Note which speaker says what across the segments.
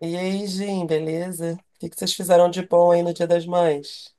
Speaker 1: E aí, Jim, beleza? O que que vocês fizeram de bom aí no Dia das Mães?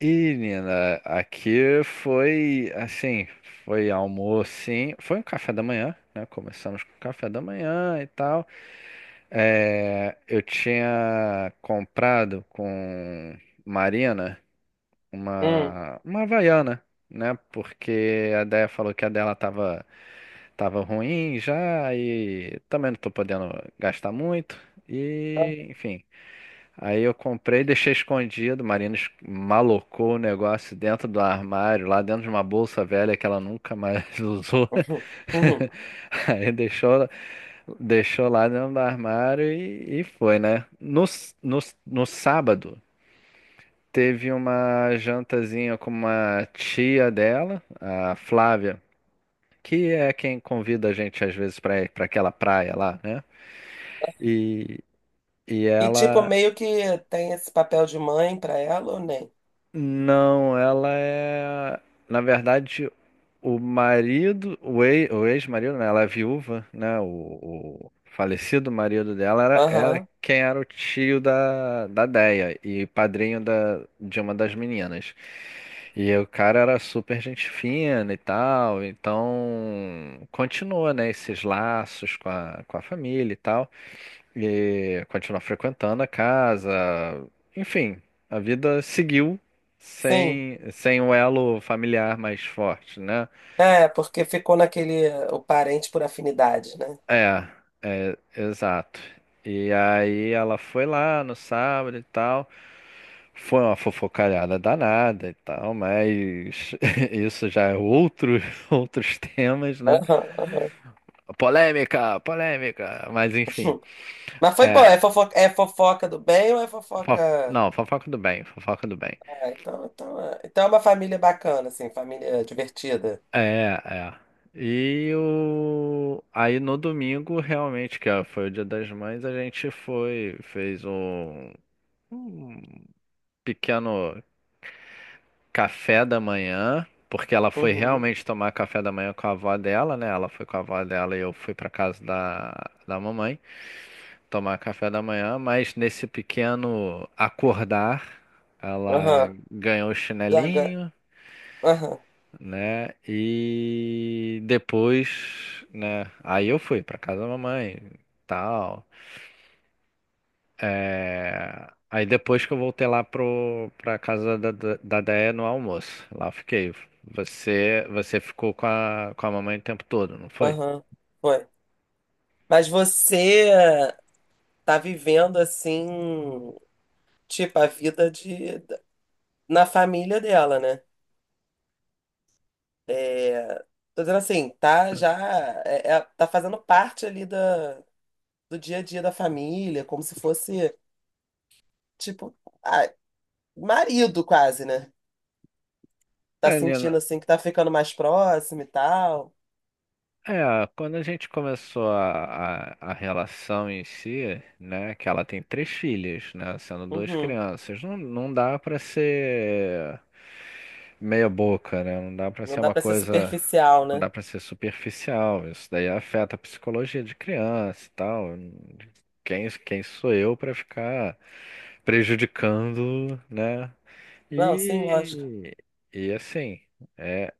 Speaker 2: E, Nina, aqui foi assim, foi almoço, sim, foi um café da manhã, né? Começamos com café da manhã e tal. É, eu tinha comprado com Marina
Speaker 1: Hum,
Speaker 2: uma Havaiana, né? Porque a Déia falou que a dela tava ruim já e também não tô podendo gastar muito.
Speaker 1: ah,
Speaker 2: E, enfim. Aí eu comprei, deixei escondido. Marina malocou o negócio dentro do armário, lá dentro de uma bolsa velha que ela nunca mais usou.
Speaker 1: uhum, uhum.
Speaker 2: Aí deixou lá dentro do armário e foi, né? No sábado, teve uma jantazinha com uma tia dela, a Flávia, que é quem convida a gente às vezes para aquela praia lá, né? E, e
Speaker 1: E tipo,
Speaker 2: ela.
Speaker 1: meio que tem esse papel de mãe pra ela ou nem?
Speaker 2: Não, ela é. Na verdade, o marido, o ex-marido, né? Ela é viúva, né? O falecido marido dela era
Speaker 1: Aham,
Speaker 2: quem era o tio da Déia e padrinho de uma das meninas. E o cara era super gente fina e tal, então continuou, né? Esses laços com a família e tal. E continuar frequentando a casa. Enfim, a vida seguiu
Speaker 1: sim.
Speaker 2: sem um elo familiar mais forte, né?
Speaker 1: É, porque ficou naquele o parente por afinidade, né?
Speaker 2: É, é, exato. E aí ela foi lá no sábado e tal. Foi uma fofocalhada danada e tal, mas isso já é outros temas, né?
Speaker 1: Aham,
Speaker 2: Polêmica, polêmica, mas enfim.
Speaker 1: aham. Mas foi bom,
Speaker 2: É,
Speaker 1: é fofoca do bem ou é fofoca.
Speaker 2: não, fofoca do bem, fofoca do bem.
Speaker 1: Ah, então é uma família bacana, assim, família divertida.
Speaker 2: É, é. Aí no domingo, realmente, foi o Dia das Mães, a gente foi, fez um pequeno café da manhã, porque ela foi
Speaker 1: Uhum.
Speaker 2: realmente tomar café da manhã com a avó dela, né? Ela foi com a avó dela e eu fui para casa da mamãe tomar café da manhã, mas nesse pequeno acordar, ela
Speaker 1: Aham.
Speaker 2: ganhou o
Speaker 1: Já.
Speaker 2: chinelinho.
Speaker 1: Aham.
Speaker 2: Né? E depois, né? Aí eu fui pra casa da mamãe, tal. É, aí depois que eu voltei lá pro pra casa da Déia no almoço, lá eu fiquei. Você ficou com a mamãe o tempo todo, não foi?
Speaker 1: Aham. Foi. Mas você. Tá vivendo assim, tipo, a vida de na família dela, né? É, tô dizendo assim, tá já tá fazendo parte ali da, do dia a dia da família, como se fosse, tipo, ah, marido quase, né? Tá
Speaker 2: É,
Speaker 1: sentindo
Speaker 2: Nina,
Speaker 1: assim que tá ficando mais próximo e tal.
Speaker 2: é, quando a gente começou a relação em si, né, que ela tem três filhas, né, sendo duas
Speaker 1: Uhum.
Speaker 2: crianças, não dá pra ser meia boca, né? Não dá pra
Speaker 1: Não
Speaker 2: ser
Speaker 1: dá
Speaker 2: uma
Speaker 1: pra ser
Speaker 2: coisa,
Speaker 1: superficial,
Speaker 2: não
Speaker 1: né?
Speaker 2: dá pra ser superficial. Isso daí afeta a psicologia de criança e tal. Quem sou eu pra ficar prejudicando, né?
Speaker 1: Não, sim, lógico.
Speaker 2: E, e assim, é,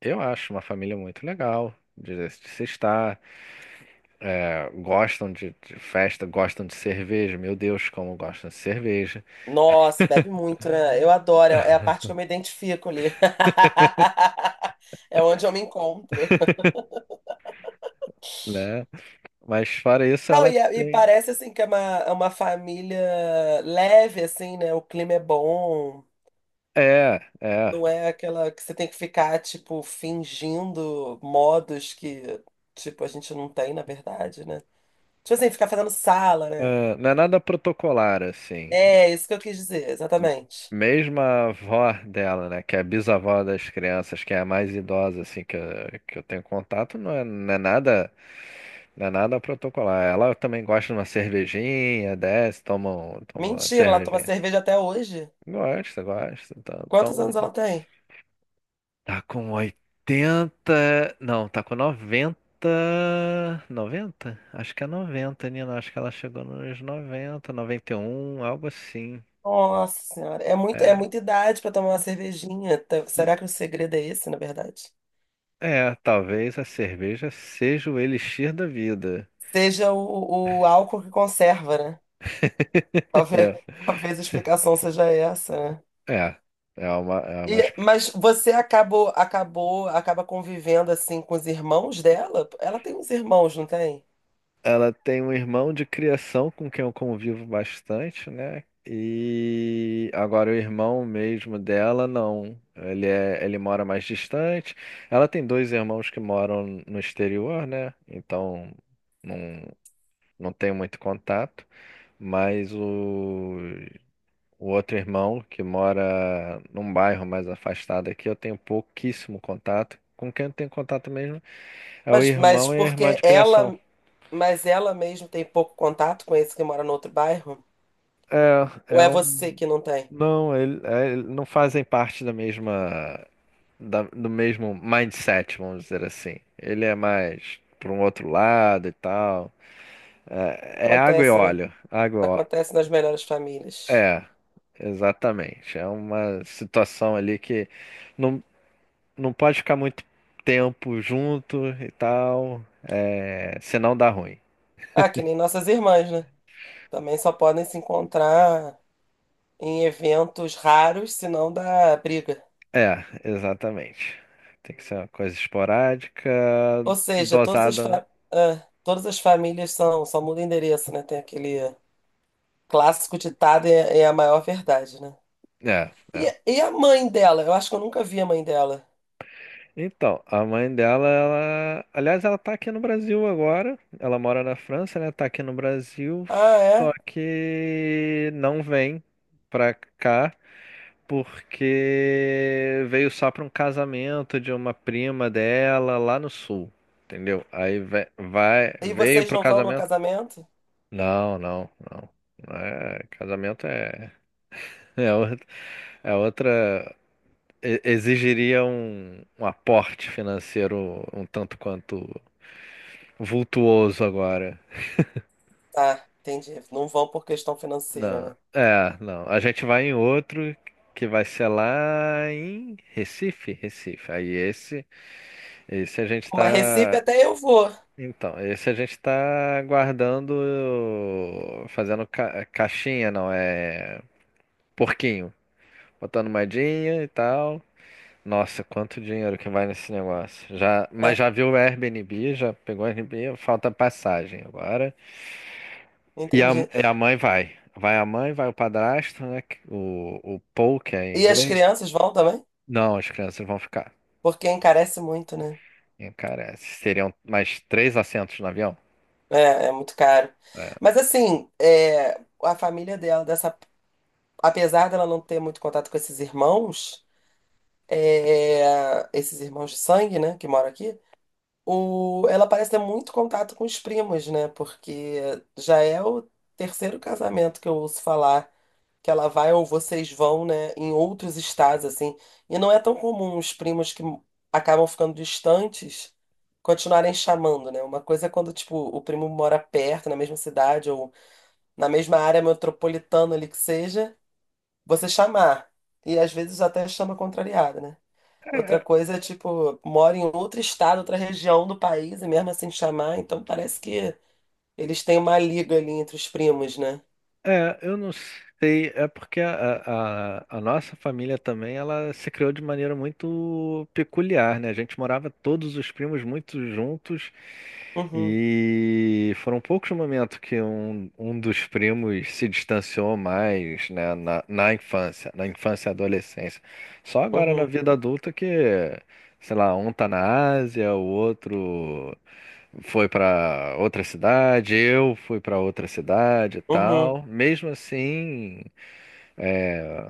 Speaker 2: eu acho uma família muito legal de se estar. É, gostam de festa, gostam de cerveja. Meu Deus, como gostam de cerveja,
Speaker 1: Nossa, bebe muito, né? Eu adoro, é a parte que eu me identifico ali. É onde eu me encontro.
Speaker 2: né? Mas fora isso,
Speaker 1: Não,
Speaker 2: ela
Speaker 1: e
Speaker 2: tem.
Speaker 1: parece assim que é é uma família leve, assim, né? O clima é bom,
Speaker 2: É, é.
Speaker 1: não é aquela que você tem que ficar, tipo, fingindo modos que, tipo, a gente não tem, na verdade, né? Tipo assim, ficar fazendo sala, né?
Speaker 2: Ah, não é nada protocolar, assim.
Speaker 1: É, isso que eu quis dizer, exatamente.
Speaker 2: Mesmo a avó dela, né, que é a bisavó das crianças, que é a mais idosa, assim, que eu tenho contato, não é, não é nada, não é nada protocolar. Ela também gosta de uma cervejinha, desce, toma uma
Speaker 1: Mentira, ela toma
Speaker 2: cervejinha.
Speaker 1: cerveja até hoje.
Speaker 2: Gosta, gosta. Então,
Speaker 1: Quantos anos ela tem?
Speaker 2: tá com 80 não, tá com noventa. Acho que é 90, Nina, acho que ela chegou nos noventa e um algo assim.
Speaker 1: Nossa senhora, é
Speaker 2: É.
Speaker 1: muita idade para tomar uma cervejinha. Será que o segredo é esse, na verdade?
Speaker 2: É, talvez a cerveja seja o elixir da vida.
Speaker 1: Seja o álcool que conserva, né? Talvez, talvez a explicação seja essa, né?
Speaker 2: É, é, é uma
Speaker 1: E,
Speaker 2: explicação.
Speaker 1: acaba convivendo assim com os irmãos dela? Ela tem uns irmãos, não tem?
Speaker 2: Ela tem um irmão de criação com quem eu convivo bastante, né? E agora o irmão mesmo dela, não. Ele mora mais distante. Ela tem dois irmãos que moram no exterior, né? Então não, não tem muito contato. Mas O outro irmão, que mora num bairro mais afastado aqui, eu tenho pouquíssimo contato. Com quem eu tenho contato mesmo é o
Speaker 1: Mas
Speaker 2: irmão e a irmã
Speaker 1: porque
Speaker 2: de criação.
Speaker 1: mas ela mesmo tem pouco contato com esse que mora no outro bairro?
Speaker 2: É,
Speaker 1: Ou
Speaker 2: é
Speaker 1: é você
Speaker 2: um.
Speaker 1: que não tem?
Speaker 2: Não, ele, é, ele não fazem parte do mesmo mindset, vamos dizer assim. Ele é mais para um outro lado e tal. É, é água e
Speaker 1: Acontece, né?
Speaker 2: óleo. Água e óleo.
Speaker 1: Acontece nas melhores famílias.
Speaker 2: É, exatamente. É uma situação ali que não não pode ficar muito tempo junto e tal, é, senão dá ruim.
Speaker 1: Ah, que nem nossas irmãs, né? Também só podem se encontrar em eventos raros, senão dá briga.
Speaker 2: É, exatamente. Tem que ser uma coisa esporádica,
Speaker 1: Ou seja, todas as,
Speaker 2: dosada.
Speaker 1: fa- ah, todas as famílias são, só muda o endereço, né? Tem aquele clássico ditado, é, é a maior verdade, né?
Speaker 2: É,
Speaker 1: E,
Speaker 2: é.
Speaker 1: e a mãe dela? Eu acho que eu nunca vi a mãe dela.
Speaker 2: Então, a mãe dela, aliás, ela tá aqui no Brasil agora. Ela mora na França, né? Tá aqui no Brasil,
Speaker 1: Ah,
Speaker 2: só
Speaker 1: é?
Speaker 2: que não vem pra cá. Porque veio só para um casamento de uma prima dela lá no sul, entendeu? Aí ve- vai,
Speaker 1: E
Speaker 2: veio
Speaker 1: vocês
Speaker 2: pro
Speaker 1: não vão no
Speaker 2: casamento.
Speaker 1: casamento?
Speaker 2: Não, não, não. Não, é, casamento é, é, outra, é outra. Exigiria um aporte financeiro um tanto quanto vultuoso agora.
Speaker 1: Ah, entendi. Não vão por questão financeira,
Speaker 2: Não,
Speaker 1: né?
Speaker 2: é, não. A gente vai em outro que vai ser lá em Recife, Recife. Aí esse a gente
Speaker 1: Mas Recife
Speaker 2: tá.
Speaker 1: até eu vou.
Speaker 2: Então, esse a gente tá guardando, fazendo caixinha, não, é porquinho. Botando moedinha e tal. Nossa, quanto dinheiro que vai nesse negócio. Já, mas
Speaker 1: É,
Speaker 2: já viu o Airbnb, já pegou o Airbnb, falta passagem agora. E a,
Speaker 1: entendi.
Speaker 2: e a mãe vai. Vai a mãe, vai o padrasto, né? O Paul, que é em
Speaker 1: E as
Speaker 2: inglês.
Speaker 1: crianças vão também?
Speaker 2: Não, as crianças vão ficar.
Speaker 1: Porque encarece muito, né?
Speaker 2: E, cara, seriam mais três assentos no avião.
Speaker 1: É, é muito caro. Mas assim, é, a família dela, dessa, apesar dela não ter muito contato com esses irmãos. É, esses irmãos de sangue, né, que moram aqui, o, ela parece ter muito contato com os primos, né, porque já é o terceiro casamento que eu ouço falar que ela vai ou vocês vão, né, em outros estados, assim, e não é tão comum os primos que acabam ficando distantes continuarem chamando, né, uma coisa é quando, tipo, o primo mora perto, na mesma cidade ou na mesma área metropolitana ali que seja, você chamar, e às vezes até chama contrariada, né? Outra
Speaker 2: É.
Speaker 1: coisa é, tipo, mora em outro estado, outra região do país, e mesmo assim chamar, então parece que eles têm uma liga ali entre os primos, né?
Speaker 2: É, eu não sei, é porque a nossa família também, ela se criou de maneira muito peculiar, né? A gente morava todos os primos muito juntos
Speaker 1: Uhum,
Speaker 2: e foram poucos momentos que um dos primos se distanciou mais, né, na infância e adolescência. Só agora na
Speaker 1: uhum,
Speaker 2: vida adulta que, sei lá, um tá na Ásia, o outro foi pra outra cidade, eu fui pra outra cidade e
Speaker 1: uhum,
Speaker 2: tal. Mesmo assim, é,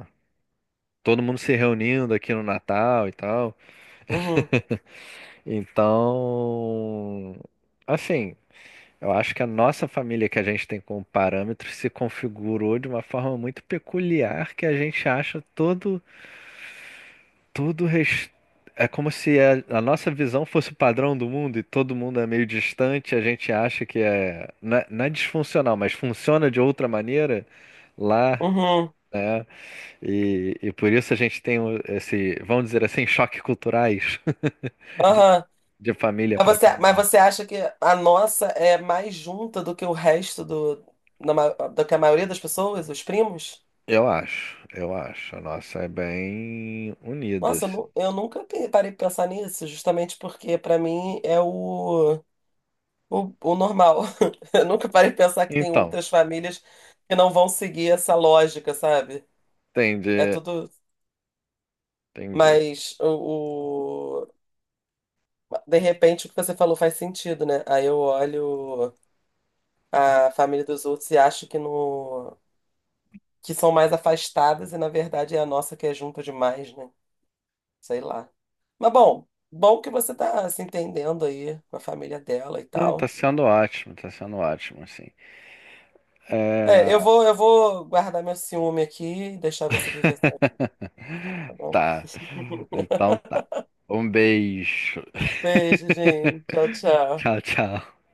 Speaker 2: todo mundo se reunindo aqui no Natal e tal.
Speaker 1: uhum,
Speaker 2: Então, assim, eu acho que a nossa família que a gente tem como parâmetro se configurou de uma forma muito peculiar que a gente acha Tudo res- é como se a nossa visão fosse o padrão do mundo e todo mundo é meio distante, a gente acha que não é disfuncional, mas funciona de outra maneira lá,
Speaker 1: uhum,
Speaker 2: né? E por isso a gente tem esse, vamos dizer assim, choque culturais de,
Speaker 1: aham.
Speaker 2: de família
Speaker 1: Mas
Speaker 2: para
Speaker 1: você, mas
Speaker 2: família.
Speaker 1: você acha que a nossa é mais junta do que o resto do, na ma- do que a maioria das pessoas, os primos?
Speaker 2: Eu acho, eu acho. A nossa é bem unida,
Speaker 1: Nossa, eu,
Speaker 2: assim.
Speaker 1: nu- eu nunca pe- Parei pra pensar nisso, justamente porque pra mim é o normal. Eu nunca parei de pensar que tem
Speaker 2: Então,
Speaker 1: outras famílias que não vão seguir essa lógica, sabe? É
Speaker 2: entendi,
Speaker 1: tudo.
Speaker 2: entendi.
Speaker 1: Mas o, o- de repente o que você falou faz sentido, né? Aí eu olho a família dos outros e acho que no que são mais afastadas e na verdade é a nossa que é junta demais, né? Sei lá. Mas bom, bom que você tá se entendendo aí com a família dela e
Speaker 2: Não,
Speaker 1: tal.
Speaker 2: tá sendo ótimo, assim.
Speaker 1: É, eu
Speaker 2: É.
Speaker 1: vou eu vou guardar meu ciúme aqui e deixar você viver só, tá bom?
Speaker 2: Tá. Então tá. Um beijo.
Speaker 1: Beijo, gente. Tchau, tchau.
Speaker 2: Tchau, tchau.